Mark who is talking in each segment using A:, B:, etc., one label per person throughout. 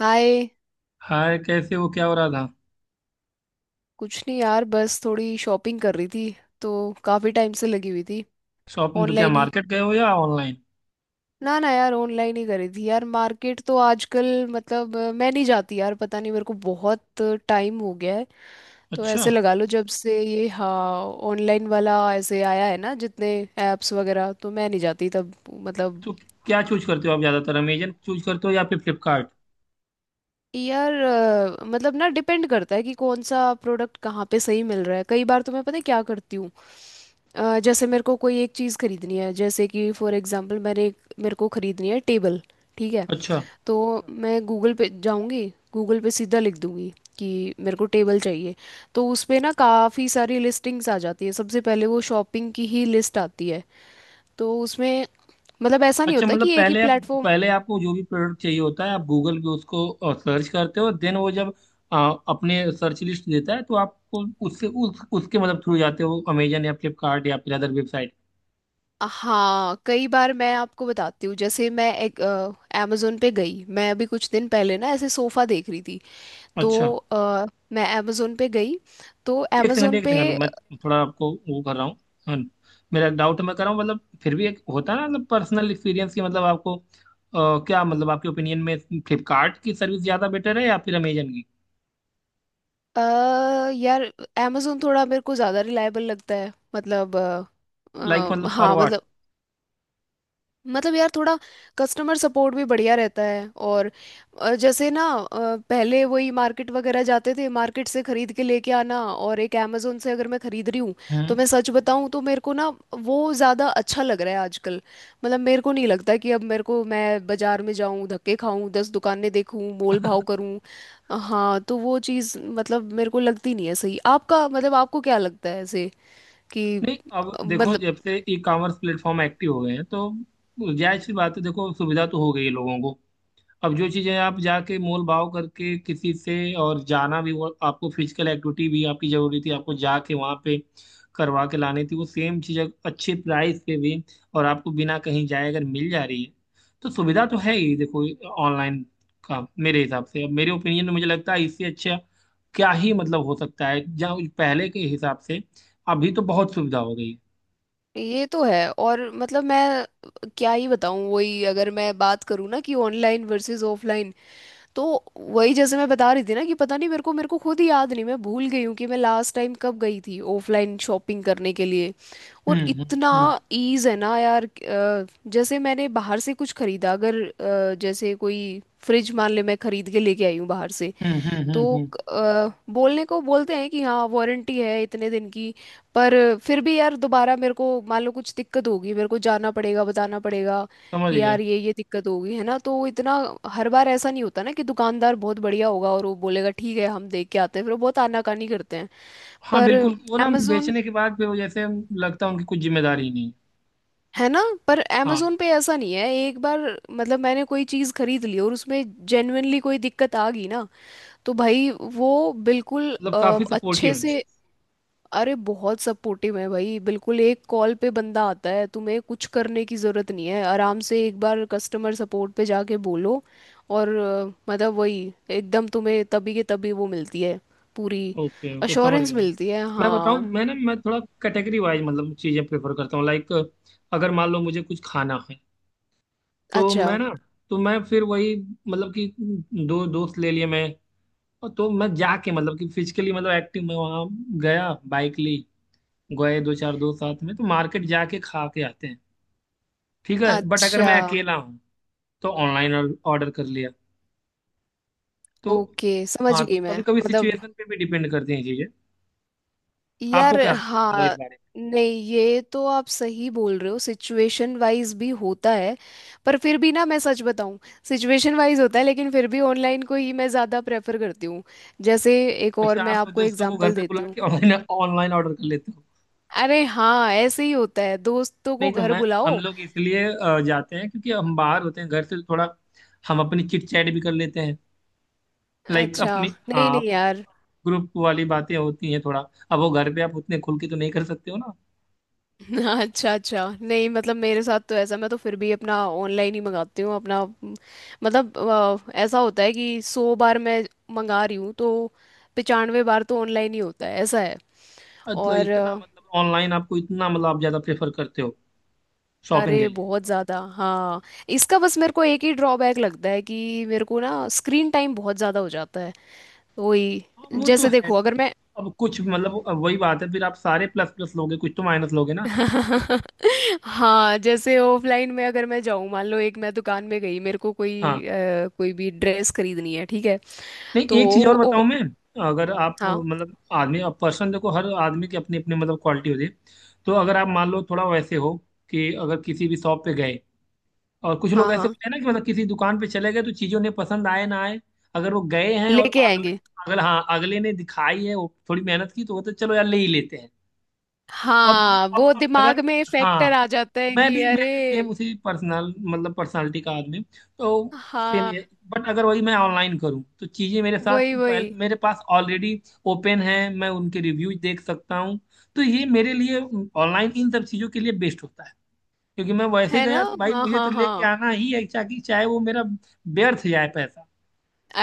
A: हाय।
B: Hi, कैसे हो? क्या हो रहा था?
A: कुछ नहीं यार, बस थोड़ी शॉपिंग कर रही थी, तो काफ़ी टाइम से लगी हुई थी।
B: शॉपिंग तो क्या
A: ऑनलाइन ही।
B: मार्केट गए हो या ऑनलाइन?
A: ना ना यार, ऑनलाइन ही करी थी यार। मार्केट तो आजकल मतलब, मैं नहीं जाती यार, पता नहीं, मेरे को बहुत टाइम हो गया है। तो
B: अच्छा,
A: ऐसे लगा लो, जब से ये हाँ ऑनलाइन वाला ऐसे आया है ना, जितने ऐप्स वगैरह, तो मैं नहीं जाती तब मतलब।
B: तो क्या चूज करते हो आप? ज्यादातर अमेजन चूज करते हो या फिर फ्लिपकार्ट?
A: यार मतलब ना, डिपेंड करता है कि कौन सा प्रोडक्ट कहाँ पे सही मिल रहा है। कई बार तो मैं, पता है क्या करती हूँ, जैसे मेरे को कोई एक चीज़ खरीदनी है, जैसे कि फॉर एग्जांपल मैंने एक, मेरे को खरीदनी है टेबल। ठीक है,
B: अच्छा,
A: तो मैं गूगल पे जाऊंगी। गूगल पे सीधा लिख दूंगी कि मेरे को टेबल चाहिए। तो उस पे ना काफ़ी सारी लिस्टिंग्स आ जाती है, सबसे पहले वो शॉपिंग की ही लिस्ट आती है। तो उसमें मतलब ऐसा नहीं
B: अच्छा।
A: होता
B: मतलब
A: कि एक ही प्लेटफॉर्म।
B: पहले आपको जो भी प्रोडक्ट चाहिए होता है आप गूगल पे उसको सर्च करते हो। देन वो जब अपने सर्च लिस्ट देता है तो आपको उससे उस उसके मतलब थ्रू जाते हो अमेजन या फ्लिपकार्ट या फिर अदर वेबसाइट।
A: हाँ, कई बार मैं आपको बताती हूँ। जैसे मैं एक अमेजोन पे गई, मैं अभी कुछ दिन पहले ना ऐसे सोफ़ा देख रही थी।
B: अच्छा,
A: तो मैं अमेजोन पे गई, तो
B: एक सेकंड
A: अमेजोन
B: एक
A: पे।
B: सेकंड। मैं थोड़ा आपको वो कर रहा हूँ। हाँ, मेरा एक डाउट मैं कर रहा हूँ। मतलब फिर भी एक होता है ना, मतलब पर्सनल एक्सपीरियंस की, मतलब आपको क्या मतलब आपके ओपिनियन में फ्लिपकार्ट की सर्विस ज़्यादा बेटर है या फिर अमेजन की?
A: अ, यार, अमेजोन थोड़ा मेरे को ज़्यादा रिलायबल लगता है मतलब।
B: लाइक मतलब फॉर
A: हाँ
B: व्हाट?
A: मतलब, मतलब यार थोड़ा, कस्टमर सपोर्ट भी बढ़िया रहता है। और जैसे ना, पहले वही मार्केट वगैरह जाते थे, मार्केट से खरीद के लेके आना, और एक अमेजोन से अगर मैं खरीद रही हूँ, तो
B: हम्म।
A: मैं सच बताऊँ तो मेरे को ना, वो ज़्यादा अच्छा लग रहा है आजकल। मतलब मेरे को नहीं लगता कि अब मेरे को मैं बाजार में जाऊँ, धक्के खाऊँ, 10 दुकानें देखूँ, मोल भाव करूँ। हाँ, तो वो चीज़ मतलब मेरे को लगती नहीं है सही। आपका मतलब आपको क्या लगता है ऐसे कि
B: नहीं, अब देखो,
A: मतलब।
B: जब से ई कॉमर्स प्लेटफॉर्म एक्टिव हो गए हैं तो जायज सी बात है। देखो, सुविधा तो हो गई है लोगों को। अब जो चीजें आप जाके मोल भाव करके किसी से, और जाना भी, वो आपको फिजिकल एक्टिविटी भी आपकी जरूरी थी, आपको जाके वहां पे करवा के लानी थी वो सेम चीज अच्छे प्राइस पे भी। और आपको बिना कहीं जाए अगर मिल जा रही है तो सुविधा तो है ही। देखो, ऑनलाइन का मेरे हिसाब से, अब मेरे ओपिनियन में मुझे लगता है इससे अच्छा क्या ही मतलब हो सकता है। जहाँ पहले के हिसाब से, अभी तो बहुत सुविधा हो गई है।
A: ये तो है, और मतलब मैं क्या ही बताऊं। वही अगर मैं बात करूं ना, कि ऑनलाइन वर्सेस ऑफलाइन, तो वही जैसे मैं बता रही थी ना, कि पता नहीं मेरे को खुद ही याद नहीं। मैं भूल गई हूँ कि मैं लास्ट टाइम कब गई थी ऑफलाइन शॉपिंग करने के लिए। और
B: हम्म,
A: इतना
B: हम्म,
A: ईज है ना यार। जैसे मैंने बाहर से कुछ खरीदा अगर, जैसे कोई फ्रिज मान ले मैं खरीद के लेके आई हूँ बाहर से,
B: हम्म, हम्म, हम्म, हम्म,
A: तो बोलने को बोलते हैं कि हाँ वारंटी है इतने दिन की। पर फिर भी यार, दोबारा मेरे को मान लो कुछ दिक्कत होगी, मेरे को जाना पड़ेगा, बताना पड़ेगा,
B: समझ
A: कि
B: गया।
A: यार ये दिक्कत होगी, है ना। तो इतना, हर बार ऐसा नहीं होता ना कि दुकानदार बहुत बढ़िया होगा और वो बोलेगा ठीक है, हम देख के आते हैं। फिर वो बहुत आनाकानी करते हैं।
B: हाँ,
A: पर
B: बिल्कुल। वो ना,
A: amazon,
B: बेचने के बाद भी वो जैसे लगता है उनकी कुछ जिम्मेदारी ही नहीं है।
A: है ना। पर
B: हाँ,
A: amazon पे ऐसा नहीं है। एक बार मतलब मैंने कोई चीज़ खरीद ली, और उसमें जेन्युइनली कोई दिक्कत आ गई ना, तो भाई वो बिल्कुल
B: मतलब काफी
A: अच्छे
B: सपोर्टिव है।
A: से। अरे बहुत सपोर्टिव है भाई। बिल्कुल एक कॉल पे बंदा आता है, तुम्हें कुछ करने की ज़रूरत नहीं है। आराम से एक बार कस्टमर सपोर्ट पे जाके बोलो, और मतलब वही एकदम तुम्हें तभी के तभी वो मिलती है, पूरी
B: ओके, ओके। समझ
A: अश्योरेंस
B: गया मैं।
A: मिलती है।
B: मैं बताऊँ,
A: हाँ,
B: मैं ना, मैं थोड़ा कैटेगरी वाइज मतलब चीजें प्रेफर करता हूँ। लाइक अगर मान लो मुझे कुछ खाना है, तो
A: अच्छा,
B: मैं ना, तो मैं फिर वही मतलब कि दो दोस्त ले लिए मैं। और तो मैं जाके मतलब कि फिजिकली मतलब एक्टिव मैं वहाँ गया, बाइक ली, गए दो चार दोस्त साथ में, तो मार्केट जाके खा के आते हैं। ठीक है। बट अगर मैं
A: अच्छा।
B: अकेला हूँ तो ऑनलाइन ऑर्डर कर लिया। तो
A: ओके, समझ
B: हाँ,
A: गई
B: तो
A: मैं
B: कभी कभी
A: मतलब।
B: सिचुएशन पे भी डिपेंड करती हैं चीजें। आपको
A: यार
B: क्या लगता है मतलब इस
A: हाँ।
B: बारे में?
A: नहीं, ये तो आप सही बोल रहे हो, सिचुएशन वाइज भी होता है। पर फिर भी ना, मैं सच बताऊं, सिचुएशन वाइज होता है लेकिन फिर भी ऑनलाइन को ही मैं ज़्यादा प्रेफर करती हूँ। जैसे एक और
B: अच्छा,
A: मैं
B: आप
A: आपको
B: दोस्तों को घर
A: एग्जांपल
B: पे
A: देती
B: बुला
A: हूँ।
B: के ऑनलाइन ऑनलाइन ऑर्डर कर लेते हो?
A: अरे हाँ, ऐसे ही होता है, दोस्तों को
B: नहीं तो
A: घर
B: मैं हम
A: बुलाओ।
B: लोग इसलिए जाते हैं क्योंकि हम बाहर होते हैं घर से तो थोड़ा हम अपनी चिट चैट भी कर लेते हैं। लाइक
A: अच्छा,
B: अपनी।
A: नहीं नहीं
B: हाँ,
A: यार।
B: ग्रुप वाली बातें होती हैं थोड़ा। अब वो घर पे आप उतने खुल के तो नहीं कर सकते हो ना।
A: हाँ, अच्छा अच्छा। नहीं मतलब मेरे साथ तो ऐसा, मैं तो फिर भी अपना ऑनलाइन ही मंगाती हूँ अपना, मतलब ऐसा होता है कि 100 बार मैं मंगा रही हूँ तो 95 बार तो ऑनलाइन ही होता है, ऐसा है।
B: मतलब
A: और
B: इतना, मतलब ऑनलाइन आपको इतना, मतलब आप ज्यादा प्रेफर करते हो शॉपिंग के
A: अरे
B: लिए?
A: बहुत ज़्यादा हाँ। इसका बस मेरे को एक ही ड्रॉबैक लगता है कि मेरे को ना स्क्रीन टाइम बहुत ज़्यादा हो जाता है। वही,
B: हाँ, वो तो
A: जैसे
B: है।
A: देखो अगर मैं।
B: अब कुछ मतलब, अब वही बात है फिर, आप सारे प्लस प्लस लोगे कुछ तो माइनस लोगे ना।
A: हाँ, जैसे ऑफलाइन में अगर मैं जाऊँ, मान लो एक मैं दुकान में गई, मेरे को कोई
B: हाँ,
A: कोई भी ड्रेस खरीदनी है, ठीक है,
B: नहीं
A: तो।
B: एक चीज और
A: ओ,
B: बताऊं मैं। अगर आप
A: हाँ
B: मतलब आदमी, अब पर्सन देखो, हर आदमी की अपनी अपनी मतलब क्वालिटी होती है। तो अगर आप मान लो थोड़ा वैसे हो, कि अगर किसी भी शॉप पे गए, और कुछ
A: हाँ
B: लोग ऐसे
A: हाँ,
B: होते हैं ना कि मतलब किसी दुकान पे चले गए तो चीजों ने पसंद आए ना आए, अगर वो गए हैं और
A: लेके
B: अगले
A: आएंगे।
B: अगले हाँ, अगले ने दिखाई है वो थोड़ी मेहनत की, तो वो तो चलो यार ले ही लेते हैं। अब
A: हाँ,
B: अब
A: वो
B: अब अगर,
A: दिमाग में फैक्टर
B: हाँ,
A: आ जाता है
B: मैं
A: कि
B: भी
A: अरे।
B: मैं भी सेम उसी पर्सनल मतलब पर्सनालिटी का आदमी हूँ, तो सेम ही
A: हाँ,
B: है। बट अगर वही मैं ऑनलाइन करूँ तो चीज़ें मेरे साथ
A: वही
B: पहले
A: वही।
B: मेरे पास ऑलरेडी ओपन है, मैं उनके रिव्यूज देख सकता हूँ। तो ये मेरे लिए ऑनलाइन इन सब चीज़ों के लिए बेस्ट होता है। क्योंकि मैं वैसे
A: है ना।
B: गया तो भाई
A: हाँ
B: मुझे
A: हाँ
B: तो
A: हाँ।
B: लेके आना ही है, चाहे चाहे वो मेरा व्यर्थ जाए पैसा।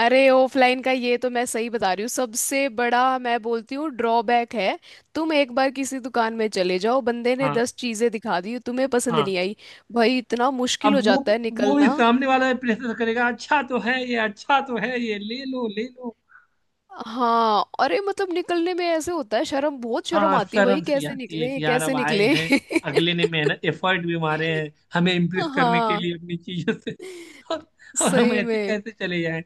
A: अरे ऑफलाइन का ये तो मैं सही बता रही हूँ, सबसे बड़ा मैं बोलती हूँ ड्रॉबैक है। तुम एक बार किसी दुकान में चले जाओ, बंदे ने
B: हाँ,
A: 10 चीजें दिखा दी, तुम्हें पसंद
B: हाँ।
A: नहीं आई, भाई इतना मुश्किल
B: अब
A: हो
B: वो
A: जाता है
B: वो भी
A: निकलना।
B: सामने वाला प्रेशर करेगा, अच्छा तो है ये, अच्छा तो है ये, ले लो ले लो।
A: हाँ, अरे मतलब निकलने में ऐसे होता है शर्म, बहुत शर्म
B: हाँ,
A: आती है भाई।
B: शर्म सी
A: कैसे
B: आती है
A: निकले,
B: कि यार अब
A: कैसे
B: आए
A: निकले।
B: हैं, अगले ने मेहनत एफर्ट भी मारे हैं हमें इम्प्रेस करने के
A: हाँ,
B: लिए अपनी चीजों से। और, और हम
A: सही
B: ऐसे
A: में।
B: कैसे चले जाएं?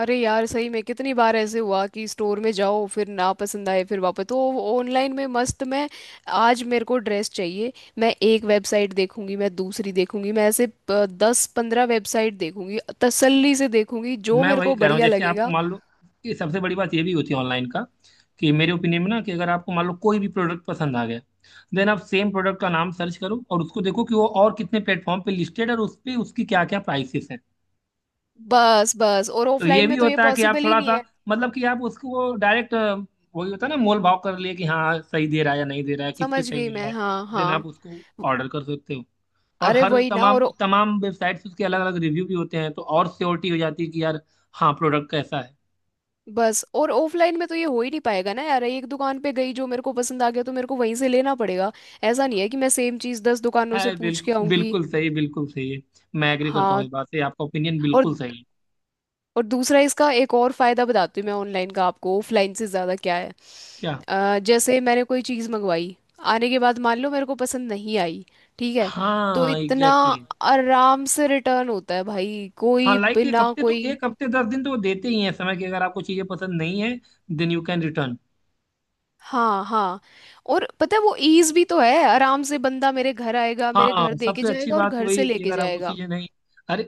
A: अरे यार सही में, कितनी बार ऐसे हुआ कि स्टोर में जाओ, फिर ना पसंद आए, फिर वापस तो। ऑनलाइन में मस्त, मैं आज मेरे को ड्रेस चाहिए, मैं एक वेबसाइट देखूंगी, मैं दूसरी देखूंगी, मैं ऐसे 10-15 वेबसाइट देखूंगी, तसल्ली से देखूंगी जो
B: मैं
A: मेरे
B: वही
A: को
B: कह रहा हूँ,
A: बढ़िया
B: जैसे आपको
A: लगेगा।
B: मान लो, ये सबसे बड़ी बात ये भी होती है ऑनलाइन का, कि मेरे ओपिनियन में ना, कि अगर आपको मान लो कोई भी प्रोडक्ट पसंद आ गया, देन आप सेम प्रोडक्ट का नाम सर्च करो और उसको देखो कि वो और कितने प्लेटफॉर्म पे लिस्टेड है और उस पे उसकी क्या क्या प्राइसेस हैं।
A: बस बस, और
B: तो ये
A: ऑफलाइन
B: भी
A: में तो ये
B: होता है कि आप
A: पॉसिबल ही
B: थोड़ा
A: नहीं
B: सा
A: है।
B: मतलब कि आप उसको डायरेक्ट, वही होता है ना मोल भाव कर लिए कि हाँ सही दे रहा है या नहीं दे रहा है, किस पे
A: समझ
B: सही
A: गई
B: मिल रहा
A: मैं।
B: है।
A: हाँ
B: देन आप
A: हाँ।
B: उसको ऑर्डर कर सकते हो। और
A: अरे
B: हर
A: वही ना।
B: तमाम
A: और
B: तमाम वेबसाइट्स उसके अलग अलग रिव्यू भी होते हैं, तो और श्योरिटी हो जाती है कि यार, हाँ, प्रोडक्ट कैसा है।
A: बस, और ऑफलाइन में तो ये हो ही नहीं पाएगा ना यार। एक दुकान पे गई, जो मेरे को पसंद आ गया तो मेरे को वहीं से लेना पड़ेगा। ऐसा नहीं है कि मैं सेम चीज 10 दुकानों से
B: है
A: पूछ के
B: बिल्कुल,
A: आऊंगी।
B: बिल्कुल सही, बिल्कुल सही है। मैं एग्री करता हूँ इस
A: हाँ।
B: बात से, आपका ओपिनियन
A: और
B: बिल्कुल सही है।
A: और दूसरा, इसका एक और फायदा बताती हूँ मैं, ऑनलाइन का आपको ऑफलाइन से ज्यादा क्या है।
B: क्या?
A: जैसे मैंने कोई चीज मंगवाई, आने के बाद मान लो मेरे को पसंद नहीं आई, ठीक है, तो
B: हाँ,
A: इतना
B: एग्जैक्टली।
A: आराम से रिटर्न होता है भाई,
B: हाँ,
A: कोई
B: लाइक
A: बिना कोई।
B: एक हफ्ते 10 दिन तो वो देते ही हैं समय, कि अगर आपको चीजें पसंद नहीं है, देन यू कैन रिटर्न।
A: हाँ हाँ। और पता है, वो ईज भी तो है। आराम से बंदा मेरे घर आएगा, मेरे
B: हाँ,
A: घर दे के
B: सबसे अच्छी
A: जाएगा, और
B: बात
A: घर
B: वही
A: से
B: है कि
A: लेके
B: अगर आपको
A: जाएगा।
B: चीजें नहीं। अरे,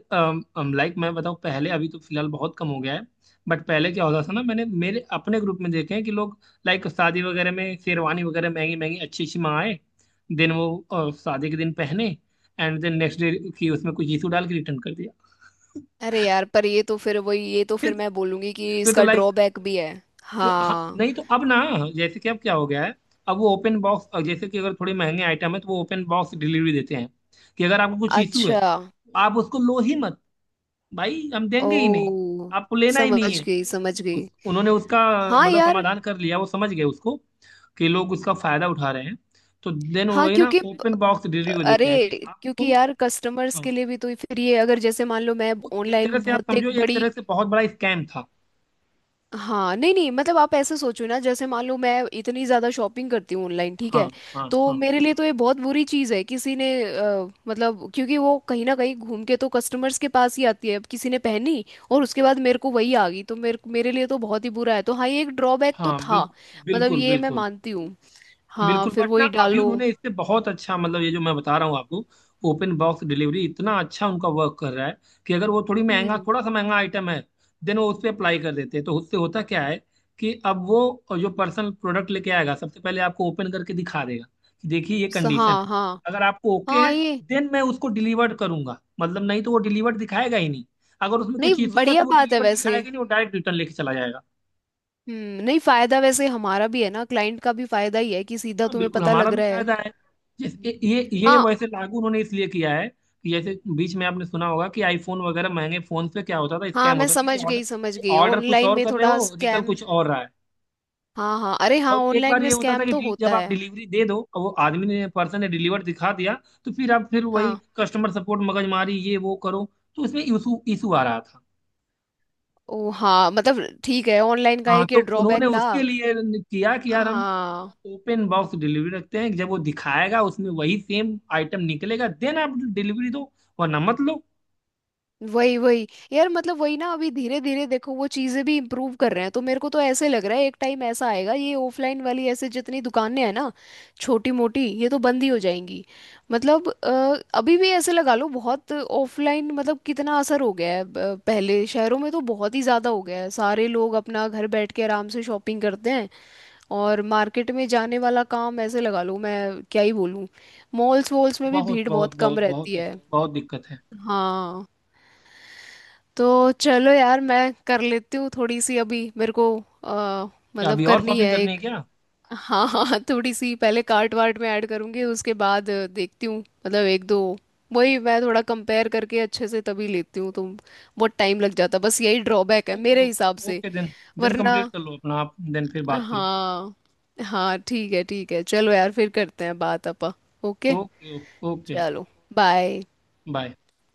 B: लाइक मैं बताऊँ, पहले, अभी तो फिलहाल बहुत कम हो गया है। बट पहले क्या होता था ना, मैंने मेरे अपने ग्रुप में देखे हैं कि लोग, लाइक शादी वगैरह में शेरवानी वगैरह महंगी महंगी अच्छी अच्छी मंगाए, देन वो शादी के दिन पहने, एंड देन नेक्स्ट डे की उसमें कुछ इशू डाल के रिटर्न कर दिया।
A: अरे यार, पर ये तो फिर वही, ये तो
B: ये
A: फिर
B: तो,
A: मैं बोलूंगी कि
B: ये तो
A: इसका
B: लाइक।
A: ड्रॉबैक भी है।
B: हाँ,
A: हाँ।
B: नहीं तो अब ना, जैसे कि अब क्या हो गया है, अब वो ओपन बॉक्स, जैसे कि अगर थोड़े महंगे आइटम है तो वो ओपन बॉक्स डिलीवरी देते हैं कि अगर आपको कुछ इशू है
A: अच्छा।
B: आप उसको लो ही मत, भाई हम देंगे ही नहीं,
A: ओ,
B: आपको लेना ही नहीं
A: समझ
B: है।
A: गई समझ गई।
B: उन्होंने उसका
A: हाँ
B: मतलब
A: यार।
B: समाधान कर लिया, वो समझ गए उसको कि लोग उसका फायदा उठा रहे हैं। तो देन
A: हाँ
B: वही ना,
A: क्योंकि,
B: ओपन बॉक्स डिलीवरी को देते हैं कि
A: अरे क्योंकि
B: आपको।
A: यार कस्टमर्स के
B: हाँ,
A: लिए भी तो फिर ये, अगर जैसे मान लो मैं
B: वो एक तरह
A: ऑनलाइन
B: से आप
A: बहुत एक
B: समझो, एक
A: बड़ी।
B: तरह से बहुत बड़ा स्कैम था।
A: हाँ, नहीं नहीं, मतलब आप ऐसे सोचो ना, जैसे मान लो मैं इतनी ज़्यादा शॉपिंग करती हूँ ऑनलाइन, ठीक
B: हाँ,
A: है।
B: हाँ,
A: तो
B: हाँ,
A: मेरे लिए तो ये बहुत बुरी चीज़ है, किसी ने मतलब, क्योंकि वो कहीं ना कहीं घूम के तो कस्टमर्स के पास ही आती है। अब किसी ने पहनी, और उसके बाद मेरे को वही आ गई, तो मेरे मेरे लिए तो बहुत ही बुरा है। तो हाँ, ये एक ड्रॉबैक तो
B: हाँ।
A: था,
B: बिल्कुल,
A: मतलब
B: बिल्कुल,
A: ये मैं
B: बिल्कुल,
A: मानती हूँ। हाँ,
B: बिल्कुल।
A: फिर
B: बट ना
A: वही
B: अभी
A: डालो।
B: उन्होंने इससे बहुत अच्छा, मतलब ये जो मैं बता रहा हूँ आपको, ओपन बॉक्स डिलीवरी, इतना अच्छा उनका वर्क कर रहा है कि अगर वो थोड़ी महंगा
A: हम्म।
B: थोड़ा सा महंगा आइटम है, देन वो उस पर अप्लाई कर देते हैं। तो उससे होता क्या है कि अब वो जो पर्सनल प्रोडक्ट लेके आएगा, सबसे पहले आपको ओपन करके दिखा देगा कि देखिए ये कंडीशन
A: हाँ
B: है,
A: हाँ
B: अगर आपको ओके
A: हाँ,
B: है
A: ये
B: देन मैं उसको डिलीवर्ड करूंगा, मतलब नहीं तो वो डिलीवर्ड दिखाएगा ही नहीं। अगर उसमें
A: नहीं,
B: कुछ इशू है तो
A: बढ़िया
B: वो
A: बात है
B: डिलीवर्ड
A: वैसे।
B: दिखाएगा ही नहीं, वो डायरेक्ट रिटर्न लेके चला जाएगा।
A: हम्म, नहीं फायदा वैसे हमारा भी है ना, क्लाइंट का भी फायदा ही है कि सीधा
B: हाँ,
A: तुम्हें
B: बिल्कुल,
A: पता
B: हमारा
A: लग
B: भी
A: रहा है।
B: फायदा है। जिस, ये
A: हाँ
B: वैसे लागू उन्होंने इसलिए किया है कि जैसे बीच में आपने सुना होगा कि आईफोन वगैरह महंगे फोन पे क्या होता था,
A: हाँ,
B: स्कैम
A: मैं
B: होता था कि
A: समझ
B: ऑर्डर
A: गई समझ गई।
B: ऑर्डर कुछ
A: ऑनलाइन
B: और
A: में
B: कर रहे
A: थोड़ा
B: हो, निकल
A: स्कैम।
B: कुछ और रहा है।
A: हाँ हाँ, अरे हाँ,
B: और एक
A: ऑनलाइन
B: बार
A: में
B: ये होता था
A: स्कैम
B: कि
A: तो होता
B: जब आप
A: है।
B: डिलीवरी दे दो, और वो आदमी ने पर्सन ने डिलीवर दिखा दिया, तो फिर आप फिर वही
A: हाँ।
B: कस्टमर सपोर्ट मगजमारी ये वो करो, तो इसमें इशू इशू आ रहा था।
A: ओ हाँ, मतलब ठीक है, ऑनलाइन का
B: हाँ,
A: एक
B: तो
A: ये ड्रॉबैक
B: उन्होंने
A: था।
B: उसके लिए किया कि यार हम
A: हाँ,
B: ओपन बॉक्स डिलीवरी रखते हैं, जब वो दिखाएगा उसमें वही सेम आइटम निकलेगा, देन आप डिलीवरी दो, वरना मत लो।
A: वही वही। यार मतलब वही ना, अभी धीरे धीरे देखो वो चीजें भी इम्प्रूव कर रहे हैं, तो मेरे को तो ऐसे लग रहा है एक टाइम ऐसा आएगा, ये ऑफलाइन वाली ऐसे जितनी दुकानें हैं ना, छोटी मोटी, ये तो बंद ही हो जाएंगी। मतलब अभी भी ऐसे लगा लो बहुत ऑफलाइन, मतलब कितना असर हो गया है। पहले शहरों में तो बहुत ही ज्यादा हो गया है, सारे लोग अपना घर बैठ के आराम से शॉपिंग करते हैं। और मार्केट में जाने वाला काम, ऐसे लगा लो, मैं क्या ही बोलूँ। मॉल्स वॉल्स में भी
B: बहुत
A: भीड़
B: बहुत
A: बहुत कम
B: बहुत बहुत
A: रहती है।
B: बहुत दिक्कत है।
A: हाँ, तो चलो यार, मैं कर लेती हूँ थोड़ी सी, अभी मेरे को अ,
B: क्या,
A: मतलब
B: अभी और
A: करनी
B: शॉपिंग
A: है
B: करनी है
A: एक।
B: क्या?
A: हाँ हाँ, थोड़ी सी, पहले कार्ट वार्ट में ऐड करूँगी, उसके बाद देखती हूँ, मतलब एक दो। वही मैं थोड़ा कंपेयर करके अच्छे से तभी लेती हूँ, तो बहुत टाइम लग जाता। बस यही ड्रॉबैक है
B: ओके,
A: मेरे हिसाब
B: ओके,
A: से।
B: ओके। देन देन
A: वरना।
B: कंप्लीट कर लो अपना आप, देन फिर बात करो।
A: हाँ। हाँ ठीक है, ठीक है। चलो यार, फिर करते हैं बात अपा। ओके।
B: ओके। ओके।
A: चलो। बाय।
B: बाय।